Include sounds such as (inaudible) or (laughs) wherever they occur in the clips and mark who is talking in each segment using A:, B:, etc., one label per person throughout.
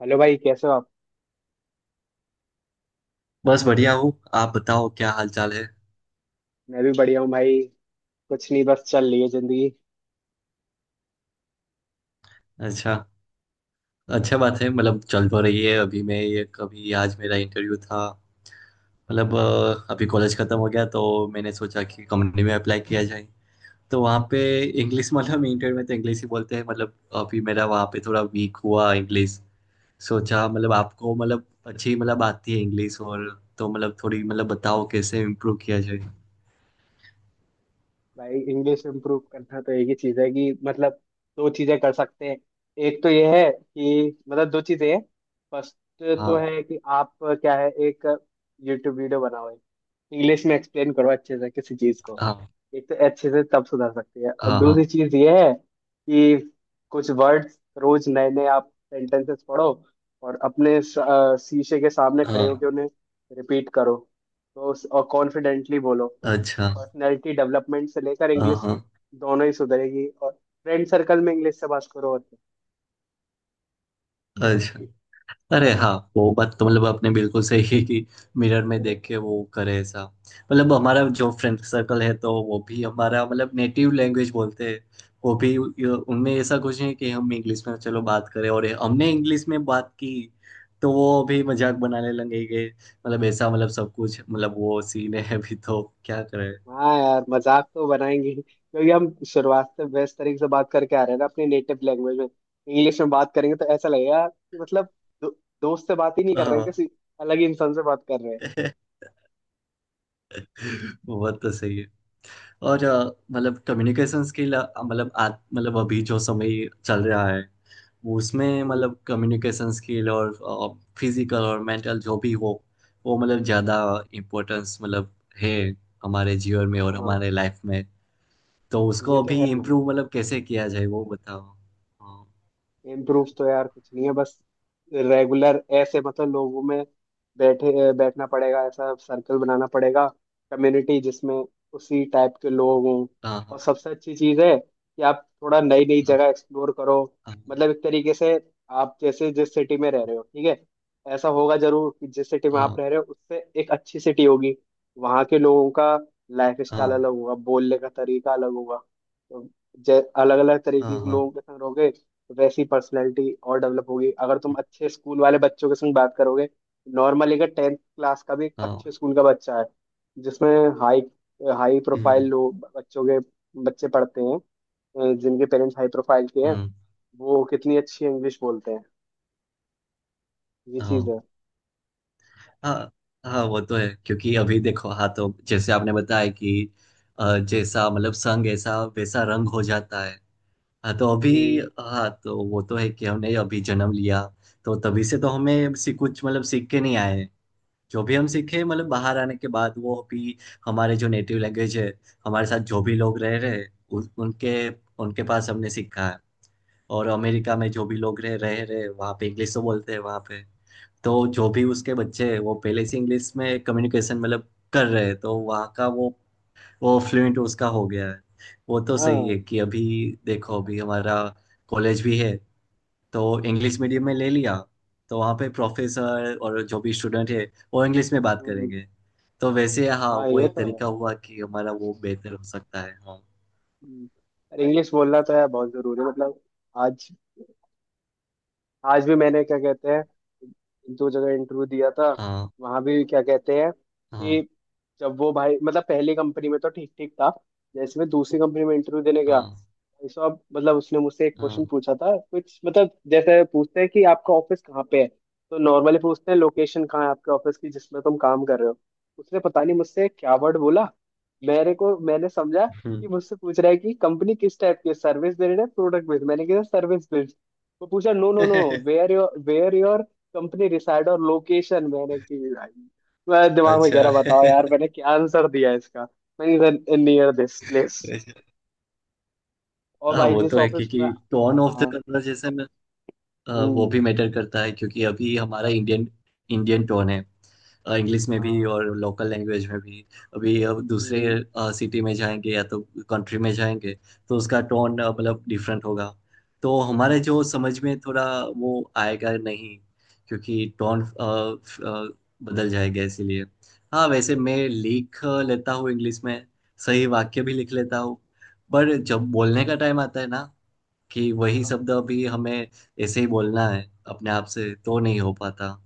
A: Hello भाई, कैसे हो आप?
B: बस बढ़िया हूँ। आप बताओ क्या हाल चाल है?
A: मैं भी बढ़िया हूँ भाई। कुछ नहीं, बस चल रही है जिंदगी।
B: अच्छा। अच्छा बात है, मतलब चल तो रही है। अभी मैं ये कभी आज मेरा इंटरव्यू था। मतलब
A: हम्म।
B: अभी कॉलेज खत्म हो गया तो मैंने सोचा कि कंपनी में अप्लाई किया जाए। तो वहाँ पे
A: हम्म।
B: इंग्लिश मतलब इंटरव्यू (laughs) में तो इंग्लिश ही बोलते हैं मतलब। अभी मेरा वहाँ पे थोड़ा वीक हुआ इंग्लिश। सोचा मतलब आपको मतलब अच्छी मतलब आती है इंग्लिश और, तो मतलब थोड़ी मतलब बताओ कैसे इम्प्रूव किया जाए।
A: भाई, इंग्लिश इम्प्रूव करना तो एक ही चीज है कि मतलब दो चीजें कर सकते हैं। एक तो यह है कि मतलब दो चीजें हैं। फर्स्ट तो
B: हाँ।
A: है कि आप क्या है, एक यूट्यूब वीडियो बनाओ। इंग्लिश में एक्सप्लेन करो अच्छे से किसी चीज को।
B: हाँ।
A: एक तो अच्छे से तब सुधर सकती है, और
B: हाँ।
A: दूसरी
B: हाँ।
A: चीज ये है कि कुछ वर्ड्स रोज नए नए आप सेंटेंसेस पढ़ो, और अपने शीशे के सामने खड़े
B: हाँ।
A: होकर उन्हें रिपीट करो। तो और कॉन्फिडेंटली बोलो।
B: अच्छा।
A: पर्सनैलिटी डेवलपमेंट से लेकर
B: हाँ।
A: इंग्लिश,
B: हाँ।
A: दोनों ही सुधरेगी। और फ्रेंड सर्कल में इंग्लिश से बात करो, और क्या?
B: अच्छा। अरे हाँ। वो बात तो मतलब आपने बिल्कुल सही है कि मिरर में देख के वो करे ऐसा। मतलब हमारा जो फ्रेंड सर्कल है तो वो भी हमारा मतलब नेटिव लैंग्वेज बोलते हैं। वो भी उनमें ऐसा कुछ नहीं कि हम इंग्लिश में चलो बात करें, और हमने इंग्लिश में बात की तो वो भी मजाक बनाने लगेंगे मतलब, ऐसा मतलब सब कुछ मतलब वो सीन है अभी, तो क्या करें?
A: हाँ यार, मजाक तो बनाएंगे ही, क्योंकि हम शुरुआत से बेस्ट तरीके से बात करके आ रहे हैं ना अपनी नेटिव लैंग्वेज में। इंग्लिश में बात करेंगे तो ऐसा लगेगा यार कि मतलब दो, दोस्त से बात ही नहीं कर रहे हैं,
B: हाँ।
A: किसी अलग ही इंसान से बात कर रहे हैं।
B: (laughs) वो बात तो सही है। और मतलब कम्युनिकेशन स्किल मतलब मतलब अभी जो समय चल रहा है, वो उसमें
A: हम्म।
B: मतलब कम्युनिकेशन स्किल और फिजिकल और मेंटल जो भी हो, वो मतलब ज़्यादा इम्पोर्टेंस मतलब है हमारे जीवन में और
A: हाँ
B: हमारे लाइफ में। तो
A: ये
B: उसको
A: तो है
B: अभी
A: मैम।
B: इम्प्रूव मतलब कैसे किया जाए वो बताओ। हाँ।
A: इम्प्रूव तो यार कुछ नहीं है, बस रेगुलर ऐसे मतलब लोगों में बैठे बैठना पड़ेगा, ऐसा सर्कल बनाना पड़ेगा, कम्युनिटी जिसमें उसी टाइप के लोग हों। और
B: हाँ।
A: सबसे अच्छी चीज़ है कि आप थोड़ा नई नई
B: हाँ।
A: जगह एक्सप्लोर करो।
B: हाँ।
A: मतलब एक तरीके से आप जैसे जिस सिटी में रह रहे हो, ठीक है, ऐसा होगा जरूर कि जिस सिटी में आप
B: हाँ।
A: रह रहे हो उससे एक अच्छी सिटी होगी। वहाँ के लोगों का लाइफ स्टाइल
B: हाँ।
A: अलग होगा, बोलने का तरीका अलग होगा। तो अलग अलग
B: हाँ।
A: तरीके
B: हाँ।
A: के
B: हाँ,
A: लोगों के संग रहोगे, वैसी पर्सनैलिटी और डेवलप होगी। अगर तुम अच्छे स्कूल वाले बच्चों के संग बात करोगे, नॉर्मली अगर 10th क्लास का भी एक
B: हाँ,
A: अच्छे स्कूल का बच्चा है जिसमें हाई हाई
B: हम्म,
A: प्रोफाइल लोग, बच्चों के बच्चे पढ़ते हैं, जिनके पेरेंट्स हाई प्रोफाइल के हैं,
B: हम्म,
A: वो कितनी अच्छी इंग्लिश बोलते हैं। ये चीज
B: हाँ।
A: है।
B: हाँ। हाँ वो तो है, क्योंकि अभी देखो। हाँ, तो जैसे आपने बताया कि जैसा मतलब संग ऐसा वैसा रंग हो जाता है। हाँ, तो अभी।
A: हम्म,
B: हाँ, तो वो तो है कि हमने अभी जन्म लिया तो तभी से तो हमें सी कुछ मतलब सीख के नहीं आए। जो भी हम सीखे मतलब बाहर आने के बाद, वो भी हमारे जो नेटिव लैंग्वेज है, हमारे साथ जो भी लोग रह रहे हैं, उनके उनके पास हमने सीखा है। और अमेरिका में जो भी लोग रह रह रहे, वहाँ पे इंग्लिश तो बोलते हैं वहाँ पे। तो जो भी उसके बच्चे हैं, वो पहले से इंग्लिश में कम्युनिकेशन मतलब कर रहे हैं, तो वहाँ का वो फ्लुएंट उसका हो गया है। वो तो सही
A: हाँ।
B: है कि अभी देखो, अभी हमारा कॉलेज भी है, तो इंग्लिश मीडियम में ले लिया। तो वहाँ पे प्रोफेसर और जो भी स्टूडेंट है वो इंग्लिश में बात
A: हम्म,
B: करेंगे। तो वैसे हाँ,
A: हाँ
B: वो
A: ये
B: एक
A: तो है।
B: तरीका हुआ कि हमारा वो बेहतर हो सकता है, हाँ।
A: हम्म, और इंग्लिश बोलना तो है, बहुत जरूरी है मतलब। आज आज भी मैंने क्या कहते हैं, एक दो जगह इंटरव्यू दिया था।
B: हाँ।
A: वहां भी क्या कहते हैं कि
B: हाँ।
A: जब वो, भाई मतलब पहली कंपनी में तो ठीक ठीक था। जैसे मैं दूसरी कंपनी में इंटरव्यू देने गया
B: हाँ।
A: भाई साहब, मतलब उसने मुझसे एक क्वेश्चन
B: हाँ।
A: पूछा था, कुछ मतलब जैसे पूछते हैं कि आपका ऑफिस कहाँ पे है। तो नॉर्मली पूछते हैं, लोकेशन कहाँ है आपके ऑफिस की, जिसमें तुम काम कर रहे हो। उसने पता नहीं मुझसे क्या वर्ड बोला, मेरे को मैंने समझा कि
B: हम्म।
A: मुझसे पूछ रहा है कि कंपनी किस टाइप की सर्विस दे रही है, प्रोडक्ट बेस्ड। मैंने कहा सर्विस। वो पूछा, no no no,
B: (laughs)
A: where your company reside और लोकेशन। मैंने कि भाई, मैं दिमाग में
B: अच्छा।
A: कह रहा, बताओ यार मैंने क्या आंसर दिया इसका। मैंने, नियर दिस प्लेस।
B: (laughs)
A: और
B: हाँ
A: भाई
B: वो
A: जिस
B: तो है,
A: ऑफिस
B: क्योंकि
A: में।
B: टोन ऑफ द
A: हाँ।
B: कन्वर्सेशन, वो
A: हम्म।
B: भी मैटर करता है, क्योंकि अभी हमारा इंडियन इंडियन टोन है इंग्लिश में भी
A: हाँ।
B: और लोकल लैंग्वेज में भी। अभी अब दूसरे
A: हम्म।
B: सिटी में जाएंगे या तो कंट्री में जाएंगे, तो उसका टोन मतलब डिफरेंट होगा। तो हमारे जो समझ में थोड़ा वो आएगा नहीं, क्योंकि टोन बदल जाएगा इसीलिए। हाँ वैसे मैं लिख लेता हूँ इंग्लिश में, सही वाक्य भी लिख लेता हूँ। पर जब बोलने का टाइम आता है ना, कि वही
A: हाँ।
B: शब्द अभी हमें ऐसे ही बोलना है, अपने आप से तो नहीं हो पाता।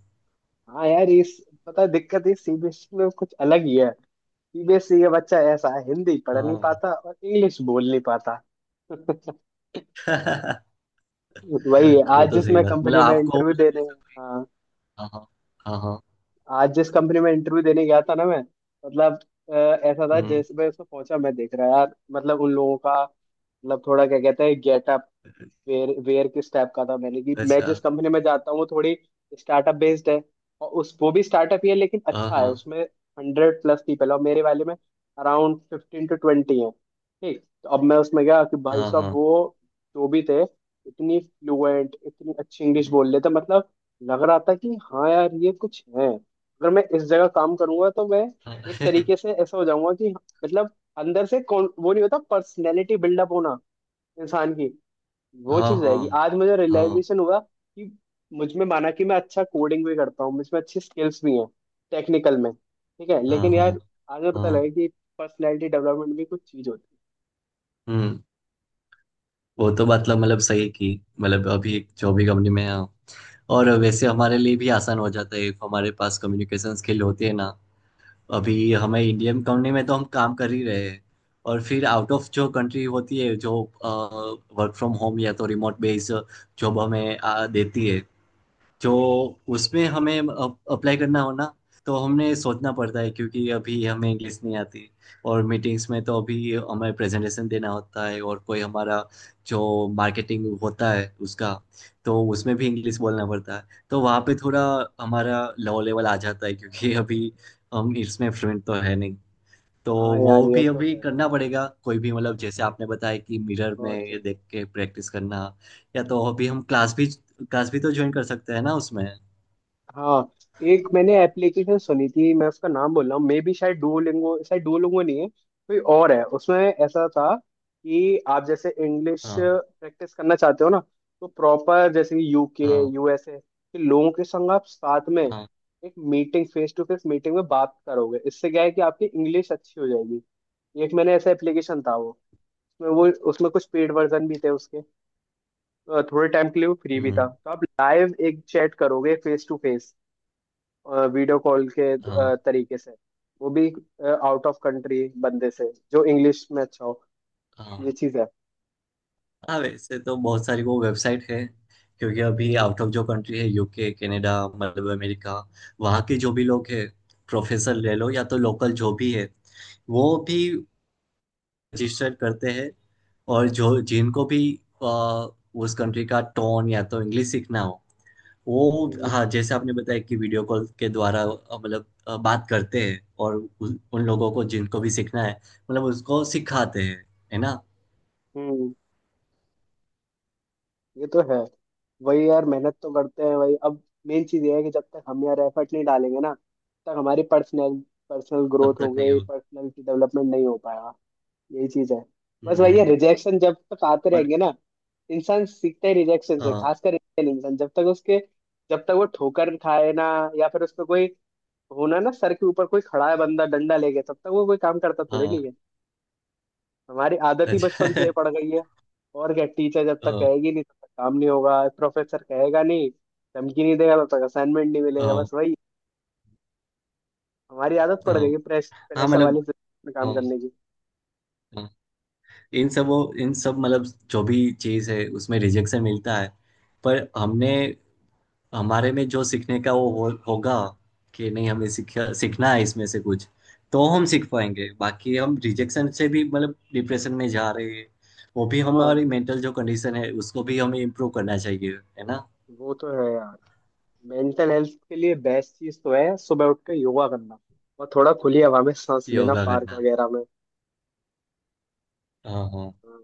A: हाँ यार इस, पता है दिक्कत है, सीबीएसई में कुछ अलग ही है। सीबीएसई का बच्चा ऐसा है, हिंदी पढ़ नहीं
B: हाँ।
A: पाता और इंग्लिश बोल नहीं पाता। (laughs)
B: (laughs)
A: वही है,
B: वो
A: आज
B: तो
A: जिस
B: सही
A: मैं
B: बात, मतलब
A: कंपनी में
B: आपको
A: इंटरव्यू दे
B: मतलब
A: रहे
B: ऐसा-
A: हैं।
B: हाँ, हाँ। हाँ, हाँ।
A: आज जिस कंपनी में इंटरव्यू देने गया था ना मैं, मतलब अ, ऐसा था,
B: हम्म,
A: जैसे मैं उसको पहुंचा, मैं देख रहा यार, मतलब उन लोगों का मतलब थोड़ा क्या कहते हैं, गेटअप, वेयर वेयर किस टाइप का था। मैंने कि मैं
B: अच्छा।
A: जिस कंपनी में जाता हूँ वो थोड़ी स्टार्टअप बेस्ड है। और उस, वो भी स्टार्टअप ही है लेकिन
B: हाँ,
A: अच्छा है,
B: हाँ।
A: उसमें 100+ पीपल, और मेरे वाले में अराउंड 15 to 20 हैं, ठीक। तो अब मैं उसमें गया कि भाई
B: हाँ,
A: साहब,
B: हाँ।
A: वो जो भी थे इतनी फ्लुएंट, इतनी अच्छी इंग्लिश
B: हम्म,
A: बोल रहे थे, मतलब लग रहा था कि हाँ यार ये कुछ है। अगर मैं इस जगह काम करूंगा तो मैं
B: हाँ।
A: एक तरीके से
B: (laughs)
A: ऐसा हो जाऊंगा कि मतलब, अंदर से कौन वो नहीं होता, पर्सनैलिटी बिल्डअप होना इंसान की, वो
B: हाँ,
A: चीज
B: हाँ।
A: रहेगी। आज मुझे
B: हाँ,
A: रियलाइजेशन हुआ कि मुझ में, माना कि मैं अच्छा कोडिंग भी करता हूँ, मुझ में अच्छी स्किल्स भी हैं टेक्निकल में, ठीक है,
B: हाँ।
A: लेकिन
B: हाँ,
A: यार आज मुझे पता लगा
B: हाँ,
A: कि पर्सनैलिटी डेवलपमेंट भी कुछ चीज होती है।
B: हम्म। वो तो मतलब सही की, मतलब अभी एक जो भी कंपनी में है। और वैसे हमारे लिए भी आसान हो जाता है if हमारे पास कम्युनिकेशन स्किल होती है ना। अभी हमें इंडियन कंपनी में तो हम काम कर ही रहे हैं। और फिर आउट ऑफ जो कंट्री होती है, जो वर्क फ्रॉम होम या तो रिमोट बेस्ड जॉब हमें देती है, जो उसमें हमें अप्लाई करना हो ना, तो हमने सोचना पड़ता है, क्योंकि अभी हमें इंग्लिश नहीं आती। और मीटिंग्स में तो अभी हमें प्रेजेंटेशन देना होता है और कोई हमारा जो मार्केटिंग होता है उसका, तो उसमें भी इंग्लिश बोलना पड़ता है। तो वहाँ पे थोड़ा हमारा लो लेवल आ जाता है, क्योंकि अभी हम इसमें फ्लुएंट तो है नहीं। तो
A: हाँ
B: वो
A: यार ये
B: भी
A: तो
B: अभी
A: है,
B: करना पड़ेगा कोई भी, मतलब जैसे आपने बताया कि मिरर में
A: और क्या।
B: ये देख के प्रैक्टिस करना। या तो अभी हम क्लास भी तो ज्वाइन कर सकते हैं ना उसमें।
A: हाँ, एक मैंने एप्लीकेशन सुनी थी, मैं उसका नाम बोल रहा हूँ, मे बी शायद डुओलिंगो, शायद डुओलिंगो नहीं है, कोई और है। उसमें ऐसा था कि आप जैसे इंग्लिश
B: हाँ।
A: प्रैक्टिस करना चाहते हो ना, तो प्रॉपर जैसे कि यूके,
B: हाँ।
A: यूएसए के लोगों के संग आप साथ में
B: हाँ।
A: एक meeting, face to face meeting में बात करोगे। इससे क्या है कि आपकी इंग्लिश अच्छी हो जाएगी। एक मैंने ऐसा एप्लीकेशन था, वो उसमें, वो उसमें कुछ पेड वर्जन भी थे उसके, थोड़े टाइम के लिए वो फ्री भी था।
B: हम्म।
A: तो आप लाइव एक चैट करोगे, face to face video call के
B: हाँ।
A: तरीके से, वो भी आउट ऑफ कंट्री बंदे से जो इंग्लिश में अच्छा हो। ये
B: हाँ।
A: चीज है।
B: हाँ वैसे तो बहुत सारी वो वेबसाइट है, क्योंकि अभी
A: हम्म
B: आउट ऑफ जो कंट्री है, यूके, कनाडा, मतलब अमेरिका, वहाँ के जो भी लोग हैं, प्रोफेसर ले लो या तो लोकल जो भी है, वो भी रजिस्टर करते हैं। और जो जिनको भी अ, उस कंट्री का टोन या तो इंग्लिश सीखना हो, वो
A: हम्म।
B: हाँ जैसे आपने बताया कि वीडियो कॉल के द्वारा मतलब बात करते हैं, और उन उन लोगों को जिनको भी सीखना है मतलब उसको सिखाते हैं, है ना?
A: हम्म, ये तो है। वही यार, मेहनत तो करते हैं भाई, अब मेन चीज ये है कि जब तक हम यार एफर्ट नहीं डालेंगे ना, तब तक हमारी पर्सनल पर्सनल
B: तब
A: ग्रोथ हो
B: तक नहीं
A: गई,
B: हो।
A: पर्सनल डेवलपमेंट नहीं हो पाएगा। यही चीज है। बस वही है,
B: हम्म,
A: रिजेक्शन जब तक आते
B: और
A: रहेंगे ना, इंसान सीखता है रिजेक्शन से,
B: अ,
A: खासकर इंडियन इंसान। जब तक उसके, जब तक वो ठोकर खाए ना, या फिर उस पर कोई, होना है ना सर के ऊपर कोई खड़ा है बंदा डंडा ले गया, तब तक वो कोई काम करता थोड़ी
B: हाँ।
A: नहीं है। हमारी आदत ही
B: अच्छा।
A: बचपन से ये
B: (laughs)
A: पड़ गई है, और क्या। टीचर जब तक
B: अ,
A: कहेगी नहीं तब तक काम नहीं होगा, प्रोफेसर कहेगा नहीं, धमकी नहीं देगा तब तक असाइनमेंट नहीं मिलेगा।
B: अ,
A: बस वही हमारी आदत
B: अ,
A: पड़ गई है, प्रेस
B: हाँ
A: प्रेशर
B: मतलब,
A: वाली system में
B: अ,
A: काम करने की।
B: अ, इन सब मतलब जो भी चीज़ है उसमें रिजेक्शन मिलता है। पर हमने हमारे में जो सीखने का वो होगा, कि नहीं हमें सीखना है। इसमें से कुछ तो हम सीख पाएंगे, बाकी हम रिजेक्शन से भी मतलब डिप्रेशन में जा रहे हैं। वो भी
A: हाँ,
B: हमारी मेंटल जो कंडीशन है उसको भी हमें इम्प्रूव करना चाहिए, है ना?
A: वो तो है यार। मेंटल हेल्थ के लिए बेस्ट चीज तो है सुबह उठ के योगा करना, और थोड़ा खुली हवा में सांस लेना,
B: योगा
A: पार्क
B: करना।
A: वगैरह में।
B: हाँ, हाँ।
A: हाँ,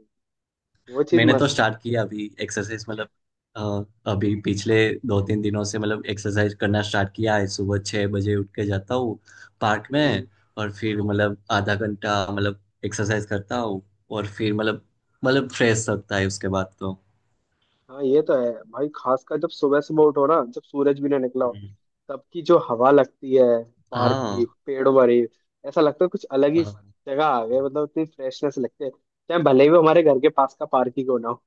A: वो चीज
B: मैंने तो
A: मस्त है।
B: स्टार्ट किया अभी एक्सरसाइज मतलब, अभी पिछले दो तीन दिनों से मतलब एक्सरसाइज करना स्टार्ट किया है, सुबह 6 बजे उठ के जाता हूँ पार्क में।
A: हम्म,
B: और फिर मतलब आधा घंटा मतलब एक्सरसाइज करता हूँ, और फिर मतलब फ्रेश लगता है उसके बाद तो।
A: हाँ ये तो है भाई, खासकर जब सुबह सुबह उठो ना, जब सूरज भी ना निकला हो,
B: हम्म।
A: तब की जो हवा लगती है पार्क की,
B: हाँ,
A: पेड़ों वाली। ऐसा लगता है कुछ अलग ही
B: हाँ।
A: जगह आ गए, मतलब इतनी फ्रेशनेस लगती है, चाहे भले ही वो हमारे घर के पास का पार्क ही क्यों ना हो।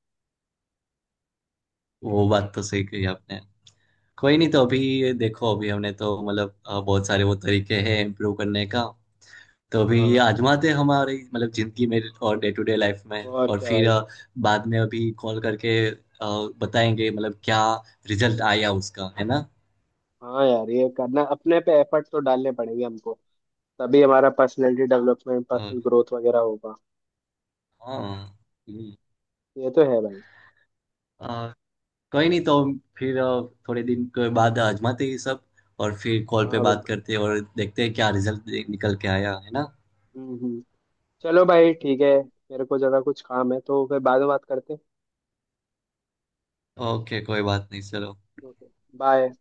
B: वो बात तो सही कही आपने। कोई नहीं, तो अभी देखो, अभी हमने तो मतलब बहुत सारे वो तरीके हैं इम्प्रूव करने का। तो अभी ये
A: हाँ,
B: आजमाते हैं हमारी मतलब जिंदगी में और डे टू डे लाइफ में,
A: और
B: और
A: क्या
B: फिर
A: भाई।
B: बाद में अभी कॉल करके बताएंगे मतलब क्या रिजल्ट आया उसका, है ना?
A: हाँ यार, ये करना, अपने पे एफर्ट तो डालने पड़ेंगे हमको, तभी हमारा पर्सनैलिटी डेवलपमेंट,
B: अ,
A: पर्सनल ग्रोथ वगैरह होगा।
B: हाँ। हम्म,
A: ये तो है भाई।
B: अ, कोई नहीं, तो फिर थोड़े दिन के बाद आजमाते हैं ये सब, और फिर कॉल पे
A: हाँ
B: बात
A: बिल्कुल।
B: करते हैं और देखते हैं क्या रिजल्ट निकल के आया, है ना?
A: हम्म। चलो भाई, ठीक है, मेरे को जरा कुछ काम है, तो फिर बाद में बात करते हैं।
B: ओके कोई बात नहीं, चलो।
A: Okay, bye.